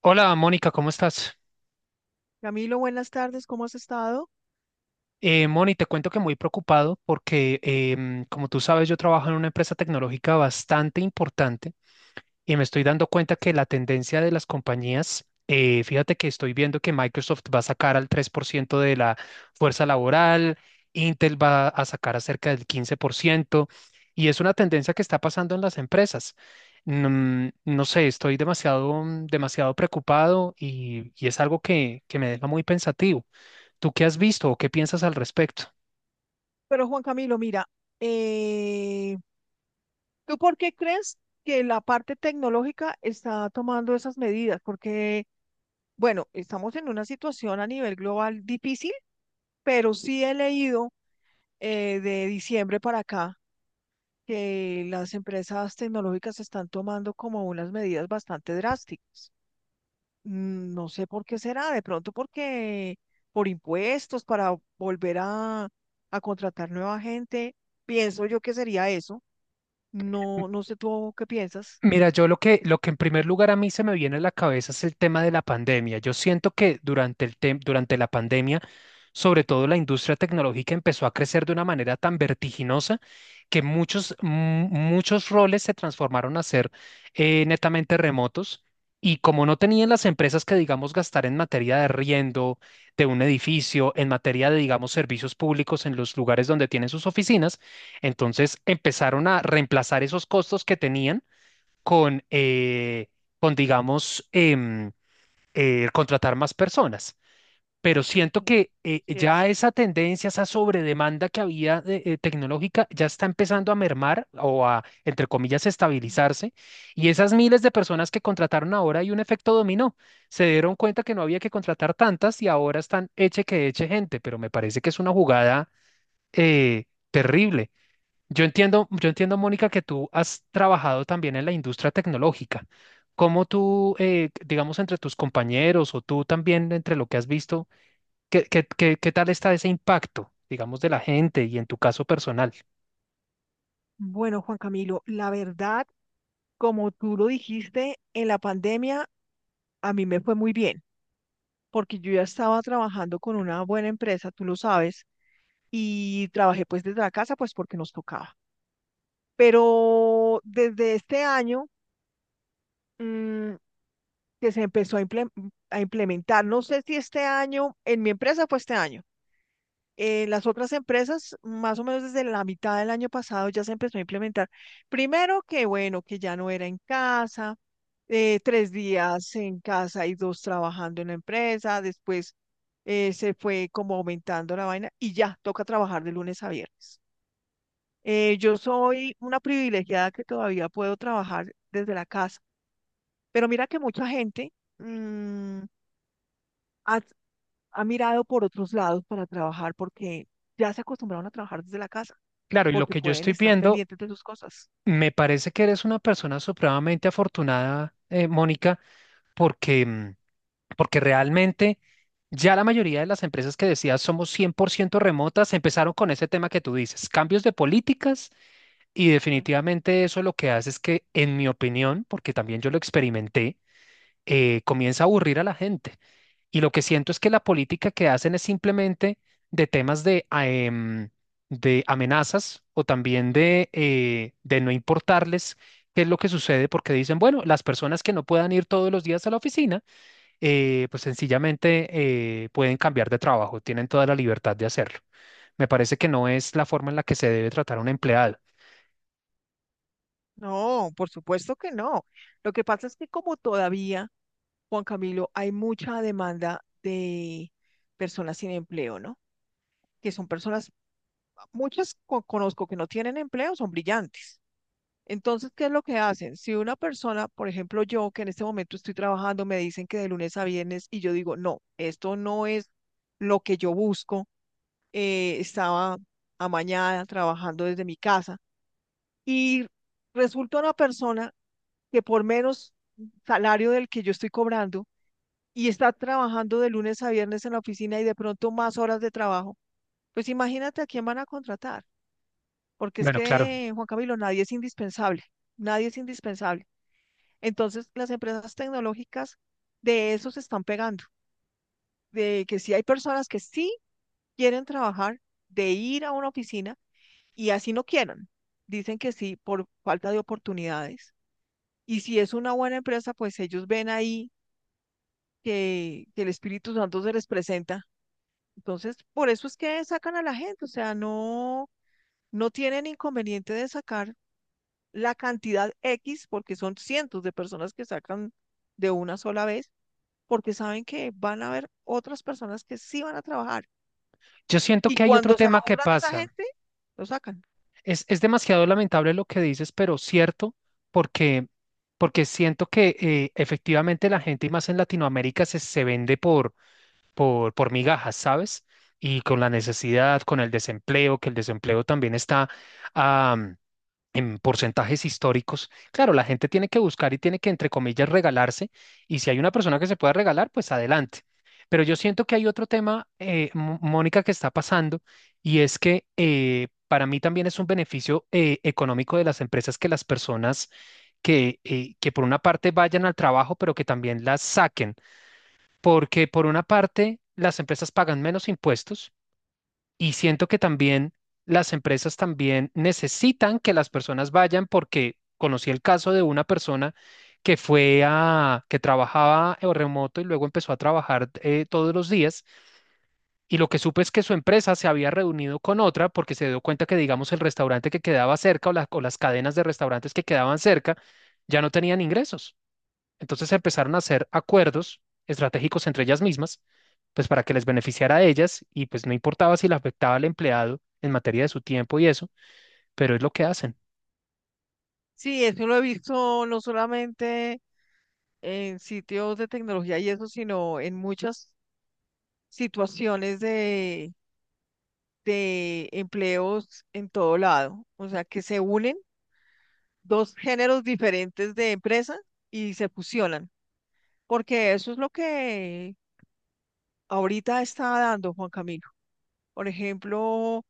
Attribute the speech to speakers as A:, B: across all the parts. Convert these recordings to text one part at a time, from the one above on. A: Hola Mónica, ¿cómo estás?
B: Camilo, buenas tardes, ¿cómo has estado?
A: Moni, te cuento que muy preocupado porque, como tú sabes, yo trabajo en una empresa tecnológica bastante importante y me estoy dando cuenta que la tendencia de las compañías, fíjate que estoy viendo que Microsoft va a sacar al 3% de la fuerza laboral, Intel va a sacar a cerca del 15% y es una tendencia que está pasando en las empresas. No sé, estoy demasiado, demasiado preocupado y es algo que me deja muy pensativo. ¿Tú qué has visto o qué piensas al respecto?
B: Pero Juan Camilo, mira, eh, ¿tú por qué crees que la parte tecnológica está tomando esas medidas? Porque, bueno, estamos en una situación a nivel global difícil, pero sí he leído de diciembre para acá que las empresas tecnológicas están tomando como unas medidas bastante drásticas. No sé por qué será, de pronto porque por impuestos, para volver a contratar nueva gente, pienso yo que sería eso. No, no sé tú qué piensas.
A: Mira, yo lo que en primer lugar a mí se me viene a la cabeza es el tema de la pandemia. Yo siento que durante el durante la pandemia, sobre todo la industria tecnológica empezó a crecer de una manera tan vertiginosa que muchos roles se transformaron a ser netamente remotos. Y como no tenían las empresas que, digamos, gastar en materia de arriendo de un edificio, en materia de, digamos, servicios públicos en los lugares donde tienen sus oficinas, entonces empezaron a reemplazar esos costos que tenían con, eh, con digamos, em, contratar más personas. Pero siento
B: Mm.
A: que
B: Yes.
A: ya esa tendencia, esa sobredemanda que había tecnológica, ya está empezando a mermar o a, entre comillas,
B: Mm.
A: estabilizarse. Y esas miles de personas que contrataron ahora hay un efecto dominó. Se dieron cuenta que no había que contratar tantas y ahora están eche que eche gente, pero me parece que es una jugada eh, terrible. Yo entiendo, Mónica, que tú has trabajado también en la industria tecnológica. ¿Cómo tú, digamos, entre tus compañeros o tú también, entre lo que has visto, qué tal está ese impacto, digamos, de la gente y en tu caso personal?
B: Bueno, Juan Camilo, la verdad, como tú lo dijiste, en la pandemia a mí me fue muy bien, porque yo ya estaba trabajando con una buena empresa, tú lo sabes, y trabajé pues desde la casa, pues porque nos tocaba. Pero desde este año, mm, que se empezó a, imple a implementar. No sé si este año, en mi empresa fue este año. En las otras empresas, más o menos desde la mitad del año pasado, ya se empezó a implementar. Primero que bueno, que ya no era en casa, tres días en casa y dos trabajando en la empresa. Después se fue como aumentando la vaina y ya toca trabajar de lunes a viernes. Yo soy una privilegiada que todavía puedo trabajar desde la casa, pero mira que mucha gente mm, ha, ha mirado por otros lados para trabajar porque ya se acostumbraron a trabajar desde la casa,
A: Claro, y lo
B: porque
A: que yo
B: pueden
A: estoy
B: estar
A: viendo,
B: pendientes de sus cosas.
A: me parece que eres una persona supremamente afortunada, Mónica, porque, mm, porque realmente ya la mayoría de las empresas que decías somos 100% remotas empezaron con ese tema que tú dices, cambios de políticas. Y
B: Mm.
A: definitivamente eso lo que hace es que, en mi opinión, porque también yo lo experimenté, comienza a aburrir a la gente. Y lo que siento es que la política que hacen es simplemente de temas de amenazas o también de no importarles qué es lo que sucede, porque dicen, bueno, las personas que no puedan ir todos los días a la oficina, pues sencillamente pueden cambiar de trabajo, tienen toda la libertad de hacerlo. Me parece que no es la forma en la que se debe tratar a un empleado.
B: No, por supuesto que no. Lo que pasa es que como todavía, Juan Camilo, hay mucha demanda de personas sin empleo, ¿no? Que son personas, muchas conozco que no tienen empleo, son brillantes. Entonces, ¿qué es lo que hacen? Si una persona, por ejemplo, yo que en este momento estoy trabajando, me dicen que de lunes a viernes y yo digo, no, esto no es lo que yo busco, estaba amañada trabajando desde mi casa y resulta una persona que por menos salario del que yo estoy cobrando y está trabajando de lunes a viernes en la oficina y de pronto más horas de trabajo, pues imagínate a quién van a contratar, porque es
A: Bueno, claro,
B: que, Juan Camilo, nadie es indispensable, nadie es indispensable. Entonces, las empresas tecnológicas de eso se están pegando, de que sí hay personas que sí quieren trabajar, de ir a una oficina y así no quieran. Dicen que sí por falta de oportunidades. Y si es una buena empresa, pues ellos ven ahí que el Espíritu Santo se les presenta. Entonces, por eso es que sacan a la gente, o sea, no, no tienen inconveniente de sacar la cantidad X, porque son cientos de personas que sacan de una sola vez, porque saben que van a haber otras personas que sí van a trabajar
A: yo siento
B: y
A: que hay otro
B: cuando se
A: tema que
B: aburran de esa
A: pasa.
B: gente, lo sacan.
A: Es demasiado lamentable lo que dices, pero cierto, porque, porque siento que efectivamente la gente, y más en Latinoamérica, se vende por migajas, ¿sabes? Y con la necesidad, con el desempleo, que el desempleo también está en porcentajes históricos. Claro, la gente tiene que buscar y tiene que, entre comillas, regalarse. Y si hay una persona que se pueda regalar, pues adelante. Pero yo siento que hay otro tema, Mónica, que está pasando y es que para mí también es un beneficio económico de las empresas que las personas que por una parte vayan al trabajo, pero que también las saquen, porque por una parte las empresas pagan menos impuestos y siento que también las empresas también necesitan que las personas vayan porque conocí el caso de una persona que trabajaba en remoto y luego empezó a trabajar todos los días. Y lo que supe es que su empresa se había reunido con otra porque se dio cuenta que, digamos, el restaurante que quedaba cerca o las cadenas de restaurantes que quedaban cerca ya no tenían ingresos. Entonces empezaron a hacer acuerdos estratégicos entre ellas mismas, pues para que les beneficiara a ellas y pues no importaba si le afectaba al empleado en materia de su tiempo y eso, pero es lo que hacen.
B: Sí, eso lo he visto no solamente en sitios de tecnología y eso, sino en muchas situaciones de empleos en todo lado. O sea, que se unen dos géneros diferentes de empresa y se fusionan, porque eso es lo que ahorita está dando Juan Camilo. Por ejemplo,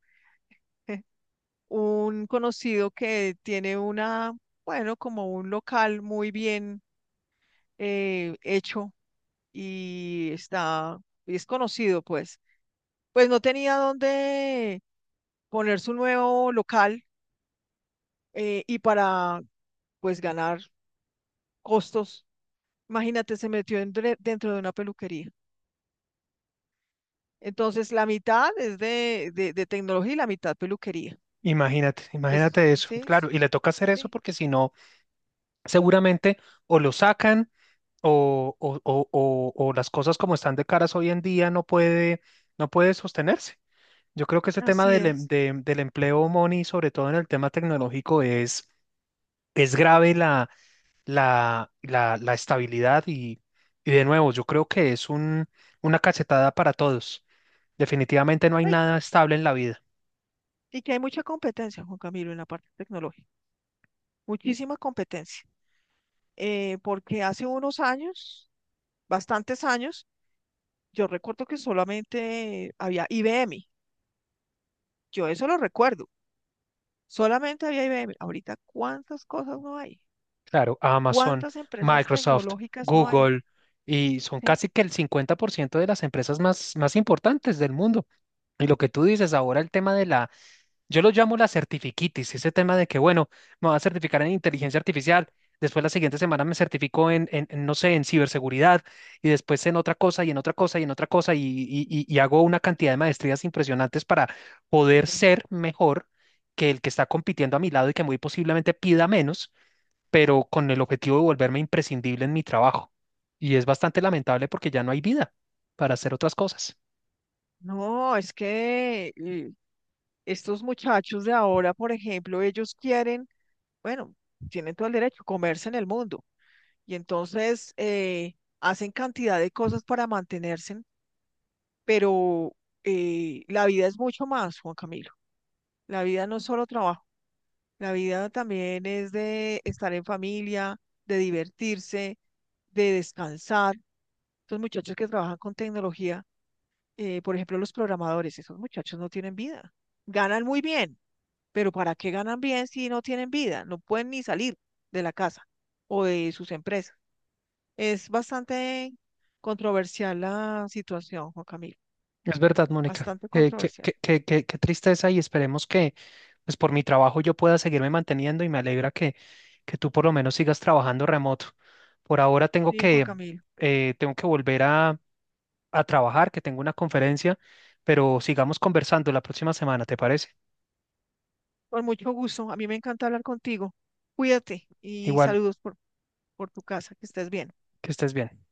B: un conocido que tiene una, bueno, como un local muy bien hecho y está, y es conocido, pues. Pues no tenía dónde poner su nuevo local y para, pues, ganar costos, imagínate, se metió dentro de una peluquería. Entonces, la mitad es de tecnología y la mitad peluquería.
A: Imagínate,
B: Pues,
A: imagínate eso,
B: sí, sí,
A: claro, y le toca hacer eso
B: sí,
A: porque si no, seguramente o lo sacan o las cosas como están de caras hoy en día no puede, sostenerse. Yo creo que ese tema
B: así
A: del, em-
B: es.
A: de- del empleo, Moni, sobre todo en el tema tecnológico, es grave la estabilidad y de nuevo, yo creo que es una cachetada para todos. Definitivamente no hay
B: Ay,
A: nada estable en la vida.
B: y que hay mucha competencia, Juan Camilo, en la parte tecnológica. Muchísima competencia, porque hace unos años, bastantes años, yo recuerdo que solamente había IBM, yo eso lo recuerdo, solamente había IBM. Ahorita, ¿cuántas cosas no hay?
A: Claro, Amazon,
B: ¿Cuántas empresas
A: Microsoft,
B: tecnológicas no hay?
A: Google, y son
B: Sí.
A: casi que el 50% de las empresas más importantes del mundo. Y lo que tú dices ahora, el tema de la yo lo llamo la certifiquitis, ese tema de que, bueno, me voy a certificar en inteligencia artificial, después la siguiente semana me certifico en, no sé, en ciberseguridad, y después en otra cosa, y en otra cosa, y en otra cosa, y hago una cantidad de maestrías impresionantes para poder
B: eh,
A: ser mejor que el que está compitiendo a mi lado y que muy posiblemente pida menos, pero con el objetivo de volverme imprescindible en mi trabajo. Y es bastante lamentable porque ya no hay vida para hacer otras cosas.
B: No, es que estos muchachos de ahora, por ejemplo, ellos quieren, bueno, tienen todo el derecho, comerse en el mundo. Y entonces hacen cantidad de cosas para mantenerse pero la vida es mucho más, Juan Camilo. La vida no es solo trabajo, la vida también es de estar en familia, de divertirse, de descansar. Estos muchachos que trabajan con tecnología, por ejemplo, los programadores, esos muchachos no tienen vida. Ganan muy bien, pero ¿para qué ganan bien si no tienen vida? No pueden ni salir de la casa o de sus empresas. Es bastante controversial la situación, Juan Camilo.
A: Es verdad, Mónica.
B: Bastante
A: Eh, qué,
B: controversial.
A: qué- qué- qué- qué tristeza, y esperemos que, pues por mi trabajo yo pueda seguirme manteniendo y me alegra que, tú por lo menos sigas trabajando remoto. Por ahora tengo
B: Sí, Juan
A: que,
B: Camilo.
A: eh, tengo que volver a trabajar, que tengo una conferencia, pero sigamos conversando la próxima semana, ¿te parece?
B: Con mucho gusto. A mí me encanta hablar contigo. Cuídate y
A: Igual,
B: saludos por tu casa. Que estés bien.
A: que estés bien.